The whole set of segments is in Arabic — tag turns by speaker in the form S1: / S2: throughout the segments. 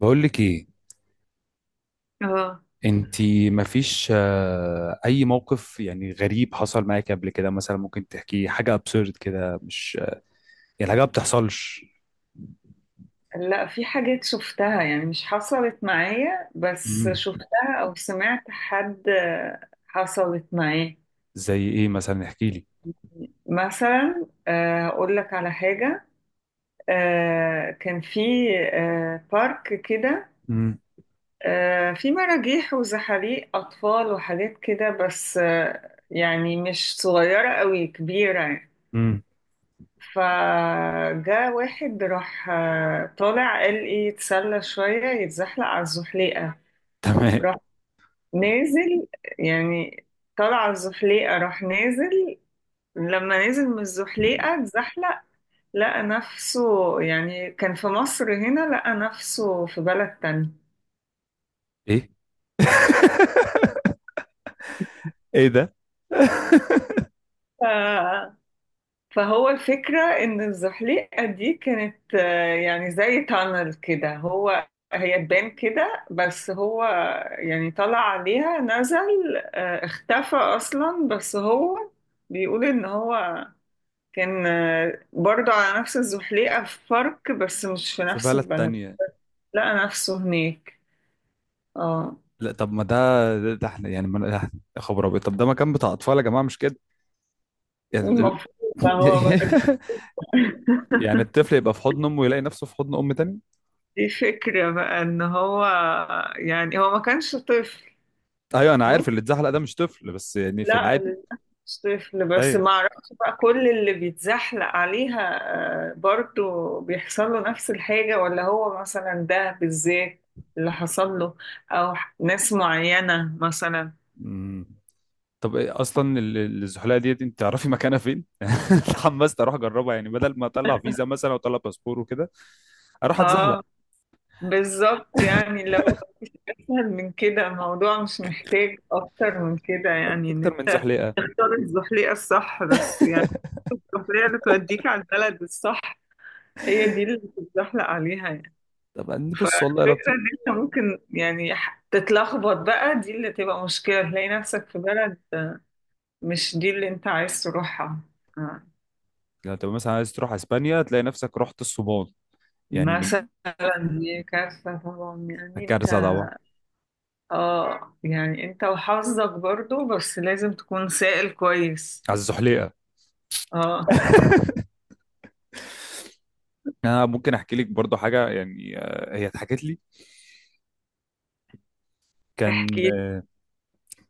S1: بقول لك ايه.
S2: اه،
S1: انتي مفيش اي موقف يعني غريب حصل معاك قبل كده مثلا؟ ممكن تحكيه حاجه ابسورد كده مش يعني حاجه ما بتحصلش.
S2: لا، في حاجات شفتها يعني مش حصلت معايا، بس
S1: مم.
S2: شفتها او سمعت حد حصلت معاه.
S1: زي ايه مثلا، احكي لي.
S2: مثلا اقول لك على حاجة. كان في بارك كده.
S1: مم.
S2: في مراجيح وزحاليق اطفال وحاجات كده، بس يعني مش صغيرة قوي، كبيرة يعني.
S1: مم.
S2: فجاء واحد راح طالع، قال ايه، يتسلى شوية يتزحلق على الزحليقة.
S1: تمام.
S2: نازل يعني، طلع الزحليقة راح نازل. لما نزل من الزحليقة اتزحلق، لقى نفسه يعني كان في مصر هنا، لقى نفسه في بلد تاني.
S1: ايه! ايه ده!
S2: ف... فهو الفكرة إن الزحليقة دي كانت يعني زي تانل كده، هو هي تبان كده، بس هو يعني طلع عليها، نزل اختفى أصلا، بس هو بيقول إن هو كان برضو على نفس الزحليقة، في فرق بس مش في
S1: في
S2: نفس
S1: بلد
S2: البلد.
S1: تانية؟
S2: لقى نفسه هناك. اه.
S1: لا طب ما ده، ده احنا يعني ما ده- يا خبر ابيض! طب ده مكان بتاع اطفال يا جماعه مش كده؟ يعني
S2: المفروض. بقى هو بقى
S1: يعني الطفل يبقى في حضن امه ويلاقي نفسه في حضن ام تانية.
S2: دي فكرة بقى ان هو يعني هو ما كانش طفل.
S1: ايوه انا عارف
S2: ممكن.
S1: اللي اتزحلق ده مش طفل، بس يعني في
S2: لا،
S1: العادي.
S2: للأسف مش طفل، بس
S1: ايوه.
S2: ما اعرفش بقى كل اللي بيتزحلق عليها برضو بيحصل له نفس الحاجة، ولا هو مثلا ده بالذات اللي حصل له، او ناس معينة مثلا.
S1: أمم. طب ايه اصلا الزحلقه ديت انت تعرفي مكانها فين؟ اتحمست اروح اجربها، يعني بدل ما اطلع فيزا مثلا واطلع باسبور وكده اروح اتزحلق.
S2: اه، بالظبط. يعني لو مفيش أسهل من كده، الموضوع مش محتاج أكتر من كده، يعني إن
S1: اكتر من
S2: أنت
S1: زحلقه؟
S2: تختار الزحليقة الصح، بس يعني الزحليقة اللي توديك على البلد الصح، هي دي اللي بتتزحلق عليها يعني.
S1: طب بص، والله لو
S2: فالفكرة
S1: في،
S2: إن أنت ممكن يعني تتلخبط بقى، دي اللي تبقى مشكلة، تلاقي نفسك في بلد مش دي اللي أنت عايز تروحها. آه.
S1: لو تبقى مثلا عايز تروح اسبانيا تلاقي نفسك رحت الصومال يعني، من...
S2: مثلا، دي كارثة طبعا يعني أنت.
S1: الكارثه طبعا.
S2: اه، يعني انت وحظك برضو، بس لازم تكون سائل كويس.
S1: على الزحليقه!
S2: اه.
S1: انا ممكن احكي لك برضو حاجه يعني، هي اتحكت لي. كان،
S2: احكي.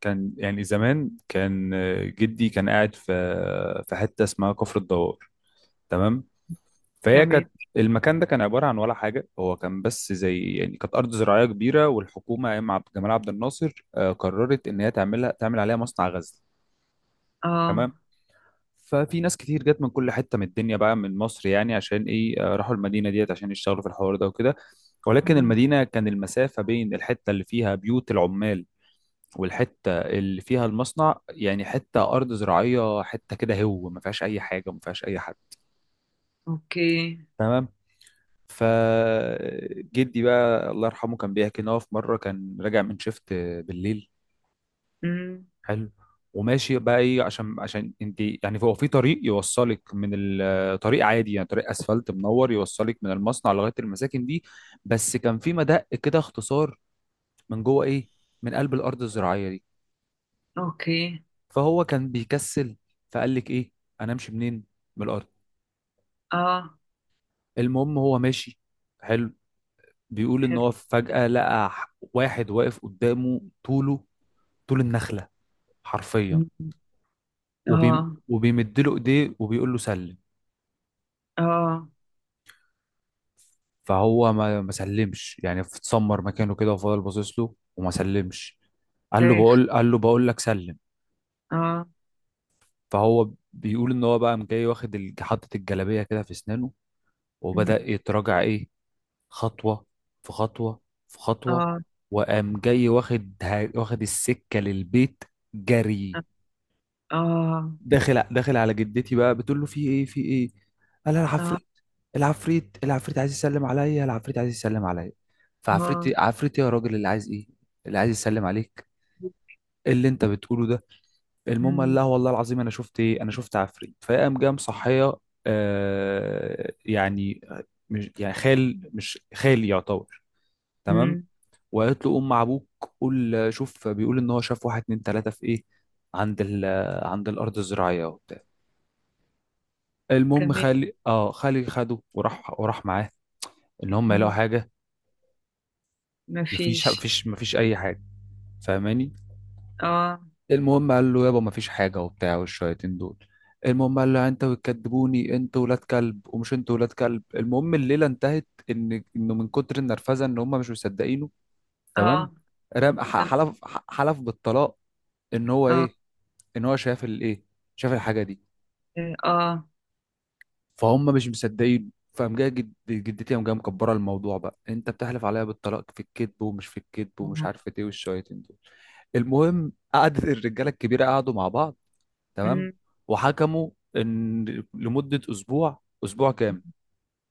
S1: يعني زمان، كان جدي كان قاعد في حته اسمها كفر الدوار. تمام. فهي
S2: تمام.
S1: كانت، المكان ده كان عباره عن ولا حاجه، هو كان بس زي يعني كانت ارض زراعيه كبيره، والحكومه ايام عبد جمال عبد الناصر قررت ان هي تعملها، تعمل عليها مصنع غزل.
S2: اه.
S1: تمام. ففي ناس كتير جت من كل حته من الدنيا بقى، من مصر يعني، عشان ايه، راحوا المدينه ديت عشان يشتغلوا في الحوار ده وكده. ولكن
S2: مم.
S1: المدينه كان المسافه بين الحته اللي فيها بيوت العمال والحته اللي فيها المصنع يعني حته ارض زراعيه، حته كده هو ما فيهاش اي حاجه، ما فيهاش اي حد.
S2: اوكي.
S1: تمام. فجدي بقى الله يرحمه كان بيحكي ان هو في مره كان راجع من شيفت بالليل.
S2: مم.
S1: حلو. وماشي بقى، ايه، عشان انت يعني هو في طريق يوصلك من طريق عادي يعني، طريق اسفلت منور يوصلك من المصنع لغايه المساكن دي. بس كان في مدق كده اختصار، من جوه ايه، من قلب الارض الزراعيه دي.
S2: اوكي.
S1: فهو كان بيكسل. فقال لك ايه، انا امشي منين؟ من الارض.
S2: اه.
S1: المهم هو ماشي. حلو. بيقول ان
S2: حلو.
S1: هو فجأة لقى واحد واقف قدامه، طوله طول النخلة حرفيا.
S2: مم.
S1: وبيم،
S2: اه.
S1: وبيمد له ايديه وبيقول له سلم.
S2: اه.
S1: فهو ما سلمش، يعني اتسمر مكانه كده وفضل باصص له وما سلمش.
S2: خايف.
S1: قال له بقول لك سلم.
S2: اه.
S1: فهو بيقول ان هو بقى قام جاي واخد حاطط الجلابيه كده في اسنانه.
S2: مم.
S1: وبدأ يتراجع ايه، خطوة في خطوة في خطوة.
S2: اه.
S1: وقام جاي واخد السكة للبيت جري.
S2: اه.
S1: داخل على جدتي بقى، بتقول له في ايه، في ايه؟ قال لها
S2: اه.
S1: العفريت، العفريت، العفريت عايز يسلم عليا، العفريت عايز يسلم عليا.
S2: اه.
S1: عفريت إيه يا راجل، اللي عايز ايه، اللي عايز يسلم عليك؟ إيه اللي انت بتقوله ده؟ المهم قال
S2: مم.
S1: لها والله العظيم انا شفت ايه، انا شفت عفريت. فقام جاي مصحيه، يعني، مش يعني خال مش خالي يعتبر. تمام.
S2: مم.
S1: وقالت له قوم مع ابوك قول، شوف بيقول ان هو شاف واحد اتنين تلاته في ايه، عند ال عند الارض الزراعيه وبتاع. المهم
S2: تمام.
S1: خالي، خالي خده، وراح معاه. ان هم يلاقوا
S2: مم.
S1: حاجه.
S2: مفيش.
S1: مفيش اي حاجه. فاهماني؟
S2: اه.
S1: المهم قال له يابا مفيش حاجه وبتاع، والشياطين دول. المهم قال له انت بتكدبوني انت ولاد كلب ومش انت ولاد كلب، المهم الليله انتهت انه من كتر النرفزه ان هم مش مصدقينه. تمام.
S2: اه.
S1: رام
S2: تم-
S1: حلف بالطلاق. ان هو
S2: اه.
S1: ايه، ان هو شاف الايه، شاف الحاجه دي.
S2: اه. اه.
S1: فهم مش مصدقين. فقام جايه جدتي، قام جايه مكبره الموضوع بقى، انت بتحلف عليا بالطلاق في الكذب ومش في الكذب ومش عارفه ايه والشويتين دول. المهم قعدت الرجاله الكبيره، قعدوا مع بعض. تمام.
S2: مم.
S1: وحكموا ان، لمده اسبوع، اسبوع كامل.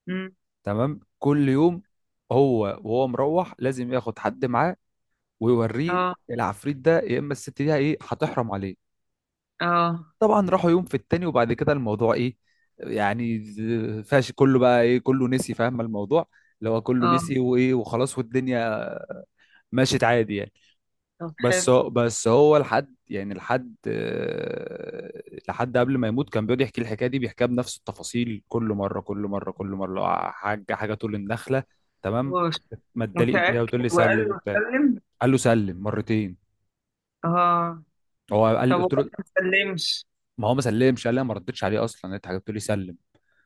S2: مم.
S1: تمام. كل يوم هو وهو مروح لازم ياخد حد معاه، ويوريه
S2: اه.
S1: العفريت ده يا اما الست دي ايه هتحرم عليه.
S2: اه.
S1: طبعا راحوا يوم في التاني وبعد كده الموضوع ايه، يعني فاش كله بقى، ايه، كله نسي فاهم الموضوع، اللي هو كله
S2: اه.
S1: نسي، وايه وخلاص، والدنيا مشيت عادي يعني.
S2: طب
S1: بس
S2: حلو.
S1: هو- بس هو لحد يعني، لحد لحد قبل ما يموت كان بيقعد يحكي الحكايه دي، بيحكيها بنفس التفاصيل، كل مره كل مره كل مره لو حاجه، حاجه تقول النخله. تمام.
S2: هو
S1: ما ادالي ايديها
S2: متأكد
S1: وتقول لي سلم
S2: وقال له
S1: وبتاع.
S2: سلم؟
S1: قال له سلم مرتين.
S2: اه.
S1: هو قال،
S2: طب
S1: قلت
S2: وقال
S1: له،
S2: له ما سلمش؟
S1: ما هو ما سلمش، قال لي أنا ما ردتش عليه اصلا، انت قلت لي سلم.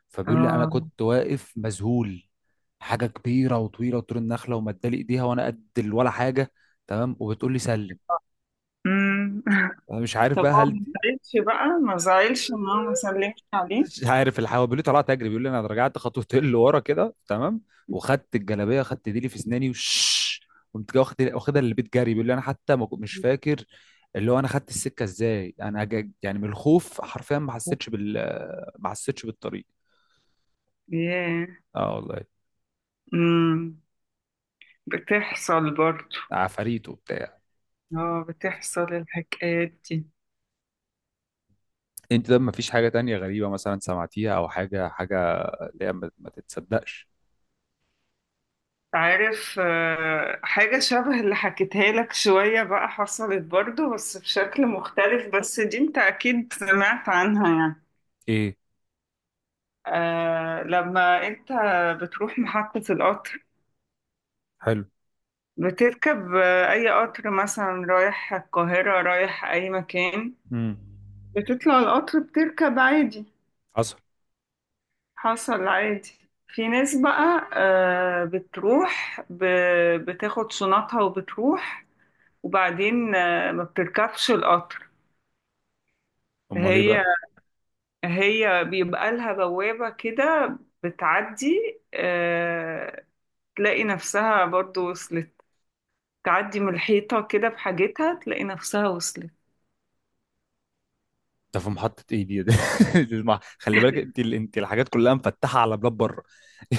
S1: فبيقول لي انا
S2: اه.
S1: كنت واقف مذهول. حاجه كبيره وطويله وطول النخله، ومدالي ايديها وانا قد ولا حاجه. تمام، وبتقول لي سلم.
S2: امم.
S1: انا مش عارف
S2: طب
S1: بقى
S2: هو ما زعلش بقى، ما زعلش ان هو ما سلمش عليه؟
S1: مش عارف الحوا. بيقول لي طلعت اجري، بيقول لي انا رجعت خطوتين لورا كده تمام. وخدت الجلابيه، خدت ديلي في اسناني وش. قمت جاي واخد واخدها للبيت جري. بيقول لي انا حتى ما كنت- مش فاكر اللي هو انا خدت السكه ازاي. انا يعني من الخوف حرفيا ما حسيتش بالطريق.
S2: ياه.
S1: اه والله،
S2: امم بتحصل برضه.
S1: عفاريت وبتاع.
S2: اه، بتحصل الحكايات دي.
S1: انت ده مفيش حاجة تانية غريبة مثلا سمعتيها، او حاجة، حاجة اللي هي ما تتصدقش؟
S2: عارف حاجة شبه اللي حكيتها لك شوية بقى، حصلت برضه بس بشكل مختلف، بس دي انت اكيد سمعت عنها يعني.
S1: ايه،
S2: لما انت بتروح محطة القطر،
S1: حلو.
S2: بتركب أي قطر، مثلا رايح القاهرة رايح أي مكان،
S1: امم،
S2: بتطلع القطر، بتركب عادي.
S1: حصل.
S2: حصل عادي. في ناس بقى بتروح بتاخد شنطها وبتروح، وبعدين ما بتركبش القطر.
S1: امال ايه
S2: هي
S1: بقى؟
S2: هي بيبقى لها بوابة كده، بتعدي آه، تلاقي نفسها برضو وصلت. تعدي من الحيطة كده بحاجتها، تلاقي نفسها وصلت.
S1: ده في محطة ايه دي! ده اسمع، خلي بالك انت انت الحاجات كلها مفتحة على بلاد بره.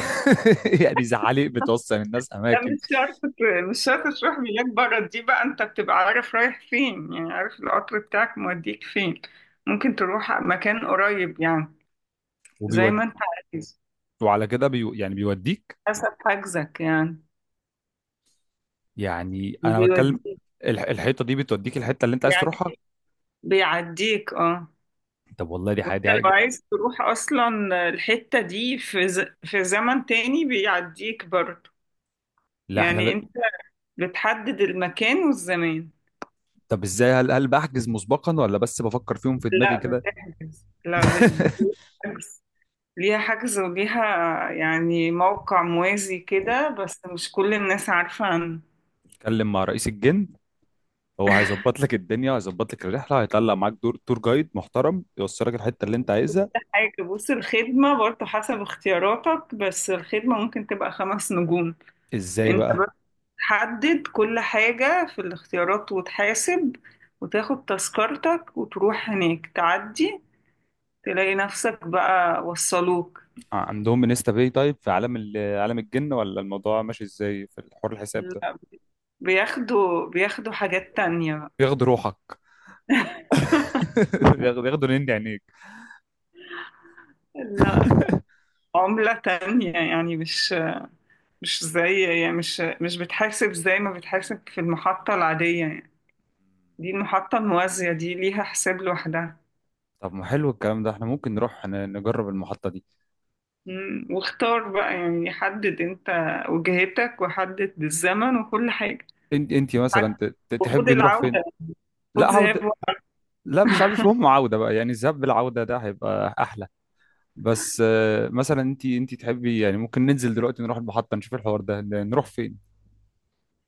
S1: يعني زعالي بتوصل الناس
S2: لا،
S1: اماكن.
S2: مش شرط مش شرط تروح ملاك بره. دي بقى انت بتبقى عارف رايح فين، يعني عارف القطر بتاعك موديك فين. ممكن تروح مكان قريب يعني، زي
S1: وبيود،
S2: ما انت عايز.
S1: وعلى كده يعني بيوديك.
S2: حسب حجزك يعني.
S1: يعني انا بتكلم،
S2: بيوديك.
S1: الحيطة دي بتوديك الحتة اللي انت عايز تروحها.
S2: بيعديك, بيعديك. اه.
S1: طب والله دي حاجة،
S2: وانت
S1: دي
S2: لو
S1: حاجة!
S2: عايز تروح اصلا الحتة دي في في زمن تاني بيعديك برضه.
S1: لا احنا
S2: يعني
S1: لا...
S2: انت بتحدد المكان والزمان.
S1: طب ازاي، هل بحجز مسبقا ولا بس بفكر فيهم في دماغي
S2: لا
S1: كده؟
S2: بتحجز لا بتحجز ليها حجز، وليها يعني موقع موازي كده، بس مش كل الناس عارفة عن
S1: اتكلم مع رئيس الجن، هو هيظبط لك الدنيا، هيظبط لك الرحله، هيطلع معاك دور تور جايد محترم يوصلك الحته اللي انت عايزها.
S2: حاجة. بص، الخدمة برضه حسب اختياراتك، بس الخدمة ممكن تبقى 5 نجوم.
S1: ازاي
S2: انت بس
S1: بقى؟
S2: تحدد كل حاجة في الاختيارات، وتحاسب وتاخد تذكرتك، وتروح هناك تعدي تلاقي نفسك بقى، وصلوك.
S1: عندهم انستا باي تايب في عالم عالم الجن، ولا الموضوع ماشي ازاي في الحوار الحساب ده؟
S2: لا، بياخدوا حاجات تانية بقى.
S1: بياخدوا روحك. بياخدوا نني عينيك.
S2: لا، عملة تانية يعني، مش زي، يعني مش بتحاسب زي ما بتحاسب في المحطة العادية يعني. دي المحطة الموازية دي ليها حساب لوحدها.
S1: طب ما حلو الكلام ده. احنا ممكن نروح نجرب المحطة دي.
S2: مم، واختار بقى، يعني حدد انت وجهتك وحدد الزمن وكل حاجة.
S1: انت مثلا
S2: وخد
S1: تحبي نروح فين؟
S2: العودة.
S1: لا
S2: خد ذهاب
S1: عودة.
S2: وعودة.
S1: لا مش عارف، مش مهم عودة بقى، يعني الذهاب بالعودة ده هيبقى احلى. بس مثلا انت تحبي يعني، ممكن ننزل دلوقتي نروح المحطة نشوف الحوار ده، نروح فين؟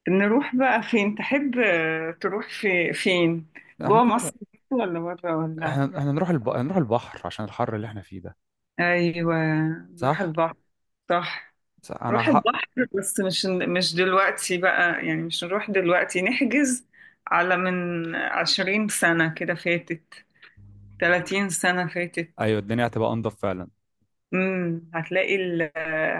S2: نروح بقى فين، تحب تروح في فين؟
S1: يعني
S2: جوه
S1: ممكن
S2: مصر
S1: نروح،
S2: ولا بره ولا؟
S1: احنا نروح نروح البحر عشان الحر اللي احنا فيه ده.
S2: ايوه، نروح
S1: صح.
S2: البحر. صح.
S1: صح انا
S2: نروح
S1: حق.
S2: البحر. بس مش دلوقتي بقى، يعني مش نروح دلوقتي، نحجز على من 20 سنة كده فاتت، 30 سنة فاتت.
S1: ايوه الدنيا هتبقى انضف فعلا.
S2: هتلاقي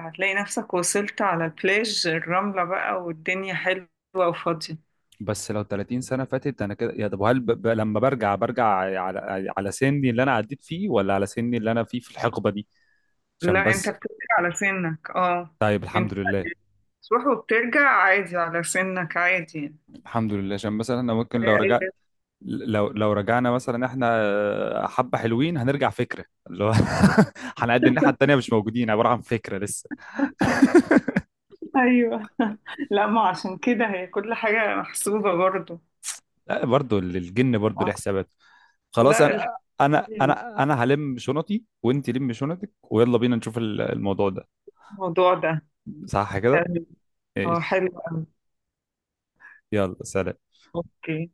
S2: هتلاقي نفسك وصلت على البلاج الرملة بقى، والدنيا حلوة وفاضية.
S1: بس لو 30 سنة فاتت انا كده، يا طب هل لما برجع، على سني اللي انا عديت فيه، ولا على سني اللي انا فيه في الحقبة دي؟ عشان
S2: لا، انت
S1: بس.
S2: بترجع على سنك، اه.
S1: طيب الحمد
S2: انت
S1: لله.
S2: تروح وبترجع عادي على سنك عادي يعني.
S1: الحمد لله. عشان مثلا انا ممكن لو رجعت، لو رجعنا مثلا احنا، حبة حلوين هنرجع، فكرة اللي هو هنقد الناحية التانية مش موجودين، عبارة عن فكرة لسه.
S2: ايوه. لا، ما عشان كده هي كل حاجة محسوبة برضو.
S1: لا برضه الجن برضه ليه حسابات. خلاص
S2: لا،
S1: انا، انا
S2: الحمد
S1: انا انا هلم شنطي وانت لم شنطك، ويلا بينا نشوف الموضوع ده.
S2: الموضوع ده
S1: صح كده.
S2: تمام. اه،
S1: ايش.
S2: حلو قوي.
S1: يلا سلام.
S2: اوكي.